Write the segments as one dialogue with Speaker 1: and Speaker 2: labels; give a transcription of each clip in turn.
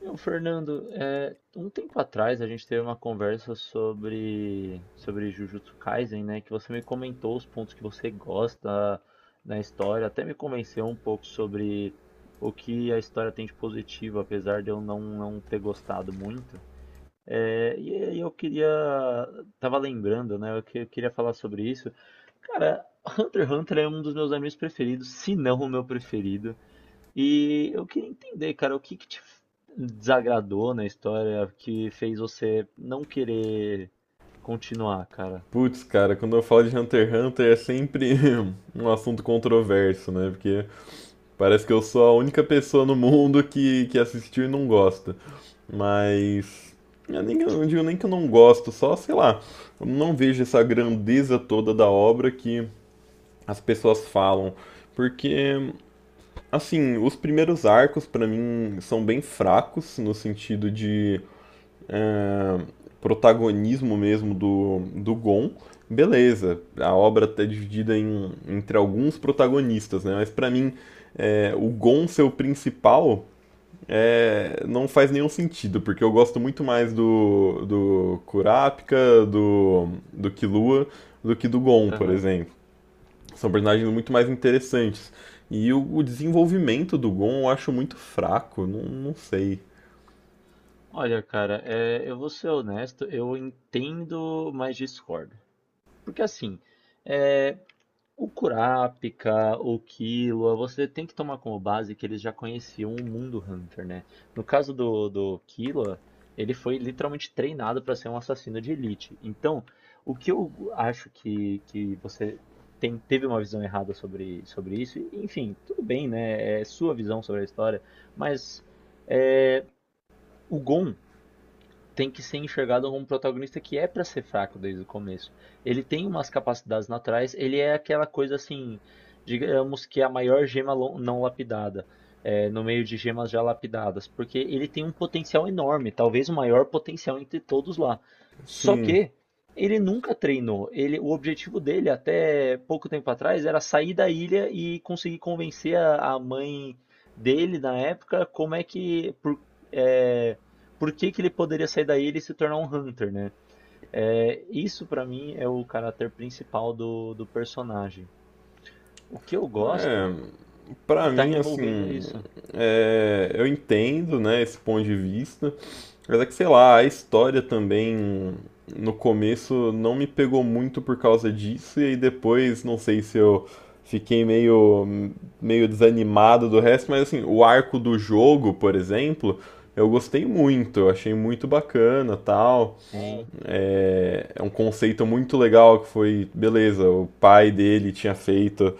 Speaker 1: Meu, Fernando, um tempo atrás a gente teve uma conversa sobre Jujutsu Kaisen, né? Que você me comentou os pontos que você gosta na história, até me convenceu um pouco sobre o que a história tem de positivo, apesar de eu não ter gostado muito. É, e aí eu queria. Tava lembrando, né? Eu queria falar sobre isso. Cara, Hunter x Hunter é um dos meus animes preferidos, se não o meu preferido. E eu queria entender, cara, o que que te desagradou na história que fez você não querer continuar, cara?
Speaker 2: Putz, cara, quando eu falo de Hunter x Hunter é sempre um assunto controverso, né? Porque parece que eu sou a única pessoa no mundo que assistiu e não gosta. Mas. Eu não digo nem que eu não gosto, só, sei lá, eu não vejo essa grandeza toda da obra que as pessoas falam. Porque, assim, os primeiros arcos pra mim são bem fracos no sentido de ah, protagonismo mesmo do Gon, beleza. A obra está dividida entre alguns protagonistas, né? Mas para mim, o Gon ser o principal não faz nenhum sentido, porque eu gosto muito mais do Kurapika, do Killua, do que do Gon, por
Speaker 1: Aham.
Speaker 2: exemplo. São personagens muito mais interessantes. E o desenvolvimento do Gon eu acho muito fraco, não sei.
Speaker 1: Olha, cara, eu vou ser honesto, eu entendo, mas discordo. Porque assim, é, o Kurapika, o Killua, você tem que tomar como base que eles já conheciam o mundo Hunter, né? No caso do Killua, ele foi literalmente treinado para ser um assassino de elite. Então, o que eu acho que você teve uma visão errada sobre isso, e, enfim, tudo bem, né? É sua visão sobre a história, mas é, o Gon tem que ser enxergado como um protagonista que é pra ser fraco desde o começo. Ele tem umas capacidades naturais, ele é aquela coisa assim, digamos que é a maior não lapidada, no meio de gemas já lapidadas, porque ele tem um potencial enorme, talvez o maior potencial entre todos lá. Só
Speaker 2: Assim,
Speaker 1: que ele nunca treinou. O objetivo dele até pouco tempo atrás era sair da ilha e conseguir convencer a mãe dele na época como é que por- é, por que que ele poderia sair daí e ele se tornar um Hunter, né? É, isso pra mim é o caráter principal do personagem. O que eu gosto
Speaker 2: é, Pra
Speaker 1: tá
Speaker 2: mim,
Speaker 1: envolvendo isso.
Speaker 2: eu entendo, né, esse ponto de vista, mas é que, sei lá, a história também no começo não me pegou muito por causa disso, e aí depois, não sei se eu fiquei meio desanimado do resto, mas assim, o arco do jogo, por exemplo, eu gostei muito, eu achei muito bacana, tal.
Speaker 1: Sim.
Speaker 2: É, é um conceito muito legal que foi, beleza, o pai dele tinha feito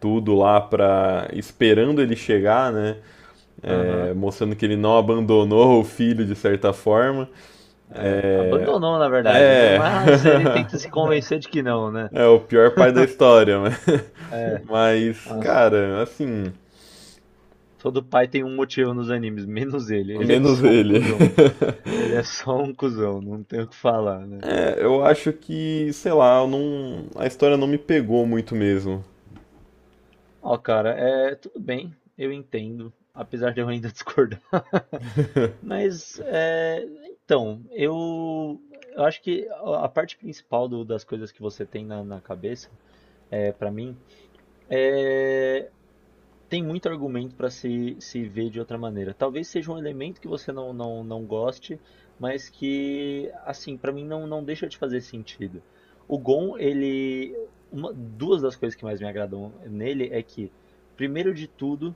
Speaker 2: tudo lá para esperando ele chegar, né?
Speaker 1: Aham.
Speaker 2: É, mostrando que ele não abandonou o filho de certa forma.
Speaker 1: É,
Speaker 2: É,
Speaker 1: abandonou na verdade, né?
Speaker 2: é,
Speaker 1: Mas ele tenta se convencer de que não, né?
Speaker 2: é o pior pai da história, mas,
Speaker 1: É,
Speaker 2: mas
Speaker 1: nossa.
Speaker 2: cara, assim,
Speaker 1: Todo pai tem um motivo nos animes, menos ele. Ele é
Speaker 2: menos
Speaker 1: só um
Speaker 2: ele.
Speaker 1: cuzão. Ele é só um cuzão, não tem o que falar, né?
Speaker 2: É, eu
Speaker 1: Ah,
Speaker 2: acho que, sei lá, eu não, a história não me pegou muito mesmo.
Speaker 1: ó, cara, tudo bem, eu entendo, apesar de eu ainda discordar. Mas, então, eu, eu acho que a parte principal das coisas que você tem na, na cabeça, para mim, é, tem muito argumento para se ver de outra maneira. Talvez seja um elemento que você não goste, mas que, assim, para mim não deixa de fazer sentido. O Gon, ele, uma, duas das coisas que mais me agradam nele é que, primeiro de tudo,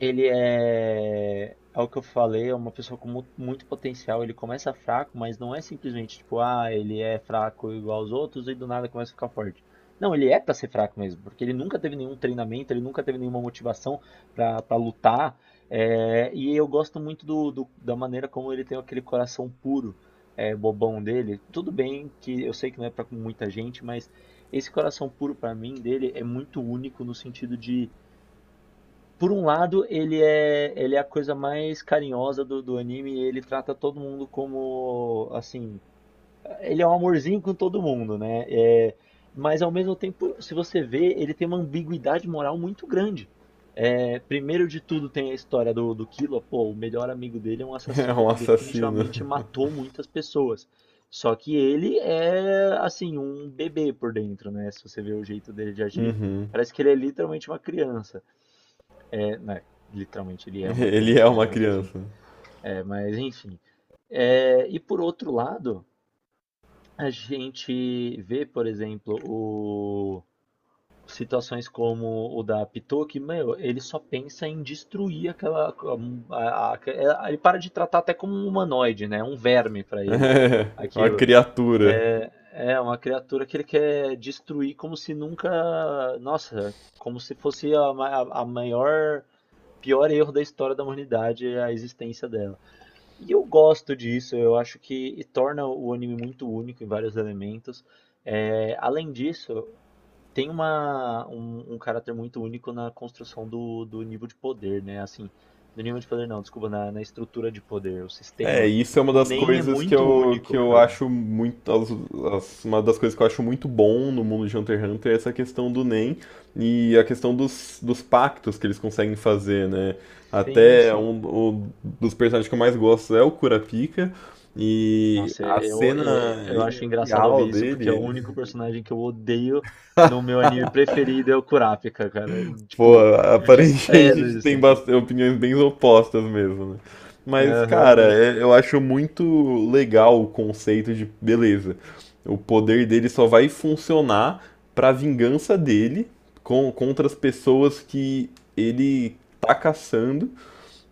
Speaker 1: é o que eu falei, é uma pessoa com muito potencial. Ele começa fraco, mas não é simplesmente tipo, ah, ele é fraco igual aos outros e do nada começa a ficar forte. Não, ele é pra ser fraco mesmo, porque ele nunca teve nenhum treinamento, ele nunca teve nenhuma motivação pra lutar. É, e eu gosto muito da maneira como ele tem aquele coração puro, bobão dele. Tudo bem que eu sei que não é pra muita gente, mas esse coração puro pra mim dele é muito único no sentido de, por um lado, ele é a coisa mais carinhosa do anime, ele trata todo mundo como, assim, ele é um amorzinho com todo mundo, né? É, mas ao mesmo tempo, se você vê, ele tem uma ambiguidade moral muito grande. É, primeiro de tudo tem a história do Killua, pô, o melhor amigo dele é um
Speaker 2: É
Speaker 1: assassino
Speaker 2: um
Speaker 1: que
Speaker 2: assassino.
Speaker 1: definitivamente matou muitas pessoas. Só que ele é, assim, um bebê por dentro, né? Se você vê o jeito dele de agir,
Speaker 2: Uhum.
Speaker 1: parece que ele é literalmente uma criança. É, né, literalmente ele é uma
Speaker 2: Ele é
Speaker 1: criança, né?
Speaker 2: uma
Speaker 1: Mas enfim.
Speaker 2: criança.
Speaker 1: É, mas enfim. É, e por outro lado, a gente vê, por exemplo, o situações como o da Pitou, que, meu, ele só pensa em destruir aquela. a- a- Ele para de tratar até como um humanoide, né? Um verme para ele.
Speaker 2: É uma
Speaker 1: Aquilo. Uhum.
Speaker 2: criatura.
Speaker 1: É uma criatura que ele quer destruir como se nunca. Nossa, como se fosse a maior, pior erro da história da humanidade é a existência dela. E eu gosto disso, eu acho que torna o anime muito único em vários elementos. É, além disso, tem um caráter muito único na construção do nível de poder, né? Assim, do nível de poder não, desculpa, na, na estrutura de poder, o
Speaker 2: É,
Speaker 1: sistema.
Speaker 2: isso é uma
Speaker 1: O
Speaker 2: das
Speaker 1: Nen é
Speaker 2: coisas
Speaker 1: muito
Speaker 2: que
Speaker 1: único,
Speaker 2: eu
Speaker 1: cara.
Speaker 2: acho muito. Uma das coisas que eu acho muito bom no mundo de Hunter x Hunter é essa questão do NEM e a questão dos, dos pactos que eles conseguem fazer, né?
Speaker 1: Sim,
Speaker 2: Até
Speaker 1: sim.
Speaker 2: um, o- Dos personagens que eu mais gosto é o Kurapika, e
Speaker 1: Nossa,
Speaker 2: a cena
Speaker 1: eu acho engraçado
Speaker 2: inicial
Speaker 1: ouvir isso, porque é o
Speaker 2: dele.
Speaker 1: único personagem que eu odeio no meu anime preferido é o Kurapika, cara.
Speaker 2: Pô,
Speaker 1: Tipo, eu
Speaker 2: aparentemente a
Speaker 1: desprezo a
Speaker 2: gente tem
Speaker 1: existência.
Speaker 2: bastante, opiniões bem opostas mesmo, né? Mas,
Speaker 1: Aham,
Speaker 2: cara,
Speaker 1: mas.
Speaker 2: eu acho muito legal o conceito de beleza. O poder dele só vai funcionar pra vingança dele contra as pessoas que ele tá caçando,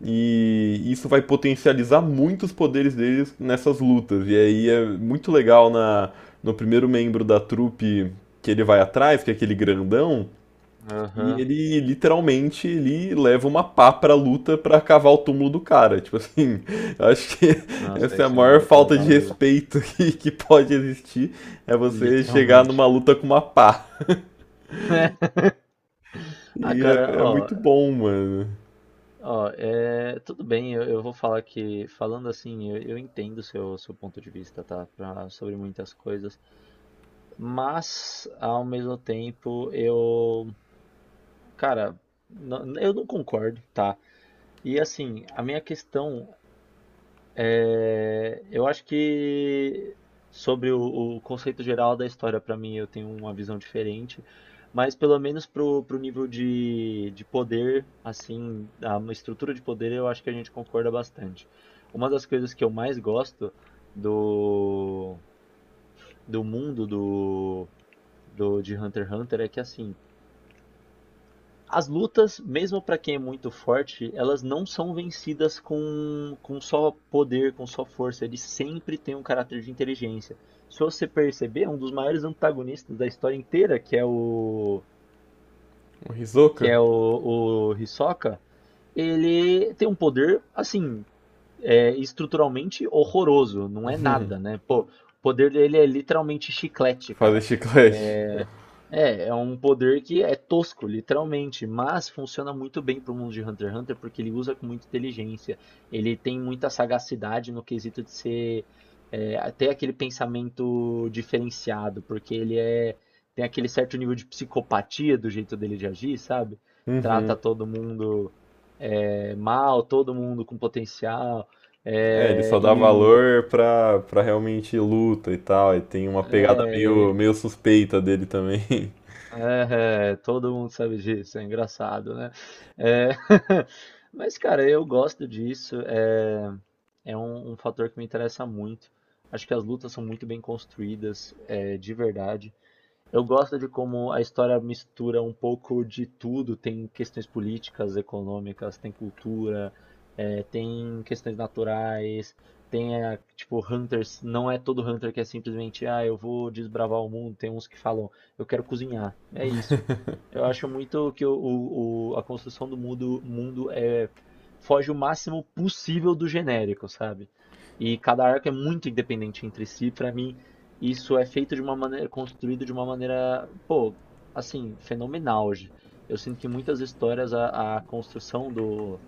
Speaker 2: e isso vai potencializar muitos poderes deles nessas lutas. E aí é muito legal na, no primeiro membro da trupe que ele vai atrás, que é aquele grandão. E
Speaker 1: Aham.
Speaker 2: ele literalmente ele leva uma pá pra luta pra cavar o túmulo do cara. Tipo assim, eu acho que
Speaker 1: Nossa,
Speaker 2: essa é a
Speaker 1: isso é
Speaker 2: maior
Speaker 1: muito
Speaker 2: falta de
Speaker 1: legal mesmo.
Speaker 2: respeito que pode existir. É você chegar
Speaker 1: Literalmente.
Speaker 2: numa luta com uma pá.
Speaker 1: Ah,
Speaker 2: E
Speaker 1: cara,
Speaker 2: é
Speaker 1: ó.
Speaker 2: muito bom, mano.
Speaker 1: Ó, tudo bem, eu vou falar que, falando assim, eu entendo o seu ponto de vista, tá? Pra, sobre muitas coisas, mas, ao mesmo tempo, eu, cara, eu não concordo, tá? E assim, a minha questão eu acho que sobre o conceito geral da história, pra mim, eu tenho uma visão diferente, mas pelo menos pro nível de poder, assim, a estrutura de poder, eu acho que a gente concorda bastante. Uma das coisas que eu mais gosto do, do mundo de Hunter x Hunter é que assim, as lutas, mesmo para quem é muito forte, elas não são vencidas com só poder, com só força. Ele sempre tem um caráter de inteligência. Se você perceber, um dos maiores antagonistas da história inteira,
Speaker 2: O Hisoka?
Speaker 1: o Hisoka, ele tem um poder assim, estruturalmente horroroso. Não é nada, né? Pô, o poder dele é literalmente chiclete,
Speaker 2: Fazer
Speaker 1: cara.
Speaker 2: chiclete.
Speaker 1: É, é um poder que é tosco, literalmente, mas funciona muito bem pro mundo de Hunter x Hunter porque ele usa com muita inteligência. Ele tem muita sagacidade no quesito de ser até aquele pensamento diferenciado, porque ele é tem aquele certo nível de psicopatia do jeito dele de agir, sabe? Trata
Speaker 2: Uhum.
Speaker 1: todo mundo mal, todo mundo com potencial.
Speaker 2: É, ele
Speaker 1: é,
Speaker 2: só dá
Speaker 1: e, e-
Speaker 2: valor pra realmente luta e tal. E tem uma pegada
Speaker 1: é,
Speaker 2: meio suspeita dele também.
Speaker 1: É, é, todo mundo sabe disso, é engraçado, né? É, mas, cara, eu gosto disso, é um fator que me interessa muito. Acho que as lutas são muito bem construídas, é, de verdade. Eu gosto de como a história mistura um pouco de tudo. Tem questões políticas, econômicas, tem cultura, tem questões naturais, tipo hunters. Não é todo hunter que é simplesmente ah, eu vou desbravar o mundo. Tem uns que falam eu quero cozinhar. É isso. Eu acho muito que a construção do mundo é foge o máximo possível do genérico, sabe? E cada arco é muito independente entre si. Para mim isso é feito de uma maneira, construído de uma maneira, pô, assim, fenomenal hoje. Eu sinto que muitas histórias a construção do,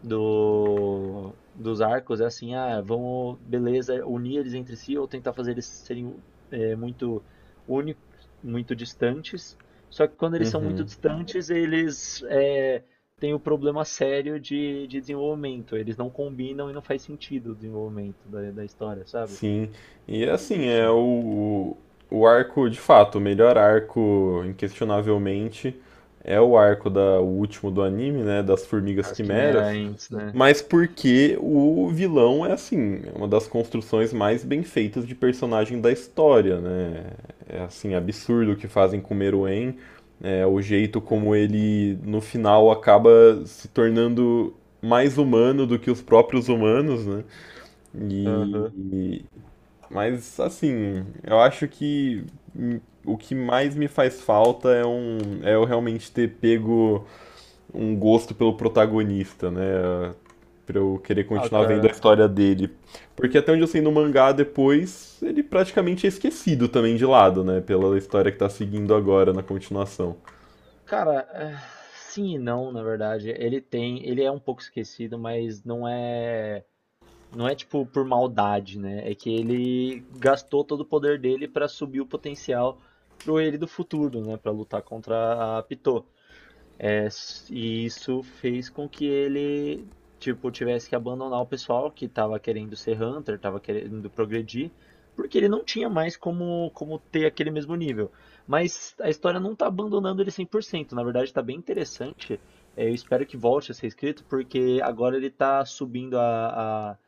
Speaker 1: do, dos arcos é assim, ah, vamos, beleza, unir eles entre si ou tentar fazer eles serem muito únicos, muito distantes. Só que quando eles são muito
Speaker 2: Uhum.
Speaker 1: distantes, têm o problema sério de desenvolvimento. Eles não combinam e não faz sentido o desenvolvimento da história, sabe?
Speaker 2: Sim, e
Speaker 1: Mas
Speaker 2: assim,
Speaker 1: enfim.
Speaker 2: o arco, de fato, o melhor arco, inquestionavelmente, é o arco da, o último do anime, né, das Formigas
Speaker 1: As
Speaker 2: Quimeras,
Speaker 1: quimerantes, né?
Speaker 2: mas porque o vilão é assim, é uma das construções mais bem feitas de personagem da história, né, é assim, absurdo o que fazem com o Meruem, é, o jeito
Speaker 1: É.
Speaker 2: como ele, no final, acaba se tornando mais humano do que os próprios humanos, né,
Speaker 1: Aham.
Speaker 2: e mas assim, eu acho que o que mais me faz falta é eu realmente ter pego um gosto pelo protagonista, né? Pra eu querer
Speaker 1: Ah,
Speaker 2: continuar vendo a
Speaker 1: cara.
Speaker 2: história dele. Porque até onde eu sei no mangá depois, ele praticamente é esquecido também de lado, né? Pela história que tá seguindo agora na continuação.
Speaker 1: Cara, sim e não, na verdade. Ele é um pouco esquecido, mas não é tipo por maldade, né? É que ele gastou todo o poder dele pra subir o potencial pro ele do futuro, né, pra lutar contra a Pitou. E isso fez com que ele, tipo, tivesse que abandonar o pessoal que estava querendo ser Hunter, estava querendo progredir, porque ele não tinha mais como, como ter aquele mesmo nível. Mas a história não está abandonando ele 100%, na verdade está bem interessante. É, eu espero que volte a ser escrito, porque agora ele está subindo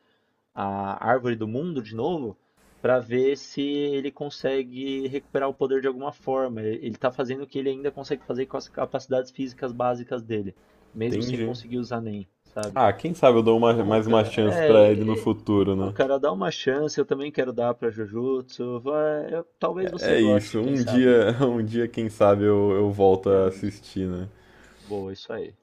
Speaker 1: a Árvore do Mundo de novo para ver se ele consegue recuperar o poder de alguma forma. Ele está fazendo o que ele ainda consegue fazer com as capacidades físicas básicas dele, mesmo sem
Speaker 2: Entendi.
Speaker 1: conseguir usar nem, sabe?
Speaker 2: Ah, quem sabe eu dou
Speaker 1: Bom,
Speaker 2: mais uma
Speaker 1: cara,
Speaker 2: chance pra ele no futuro,
Speaker 1: pô,
Speaker 2: né?
Speaker 1: cara, dá uma chance, eu também quero dar pra Jujutsu. Vai, talvez você
Speaker 2: É
Speaker 1: goste,
Speaker 2: isso,
Speaker 1: quem
Speaker 2: um
Speaker 1: sabe.
Speaker 2: dia, um dia, quem sabe eu volto a
Speaker 1: Ex-
Speaker 2: assistir, né?
Speaker 1: Boa, isso aí.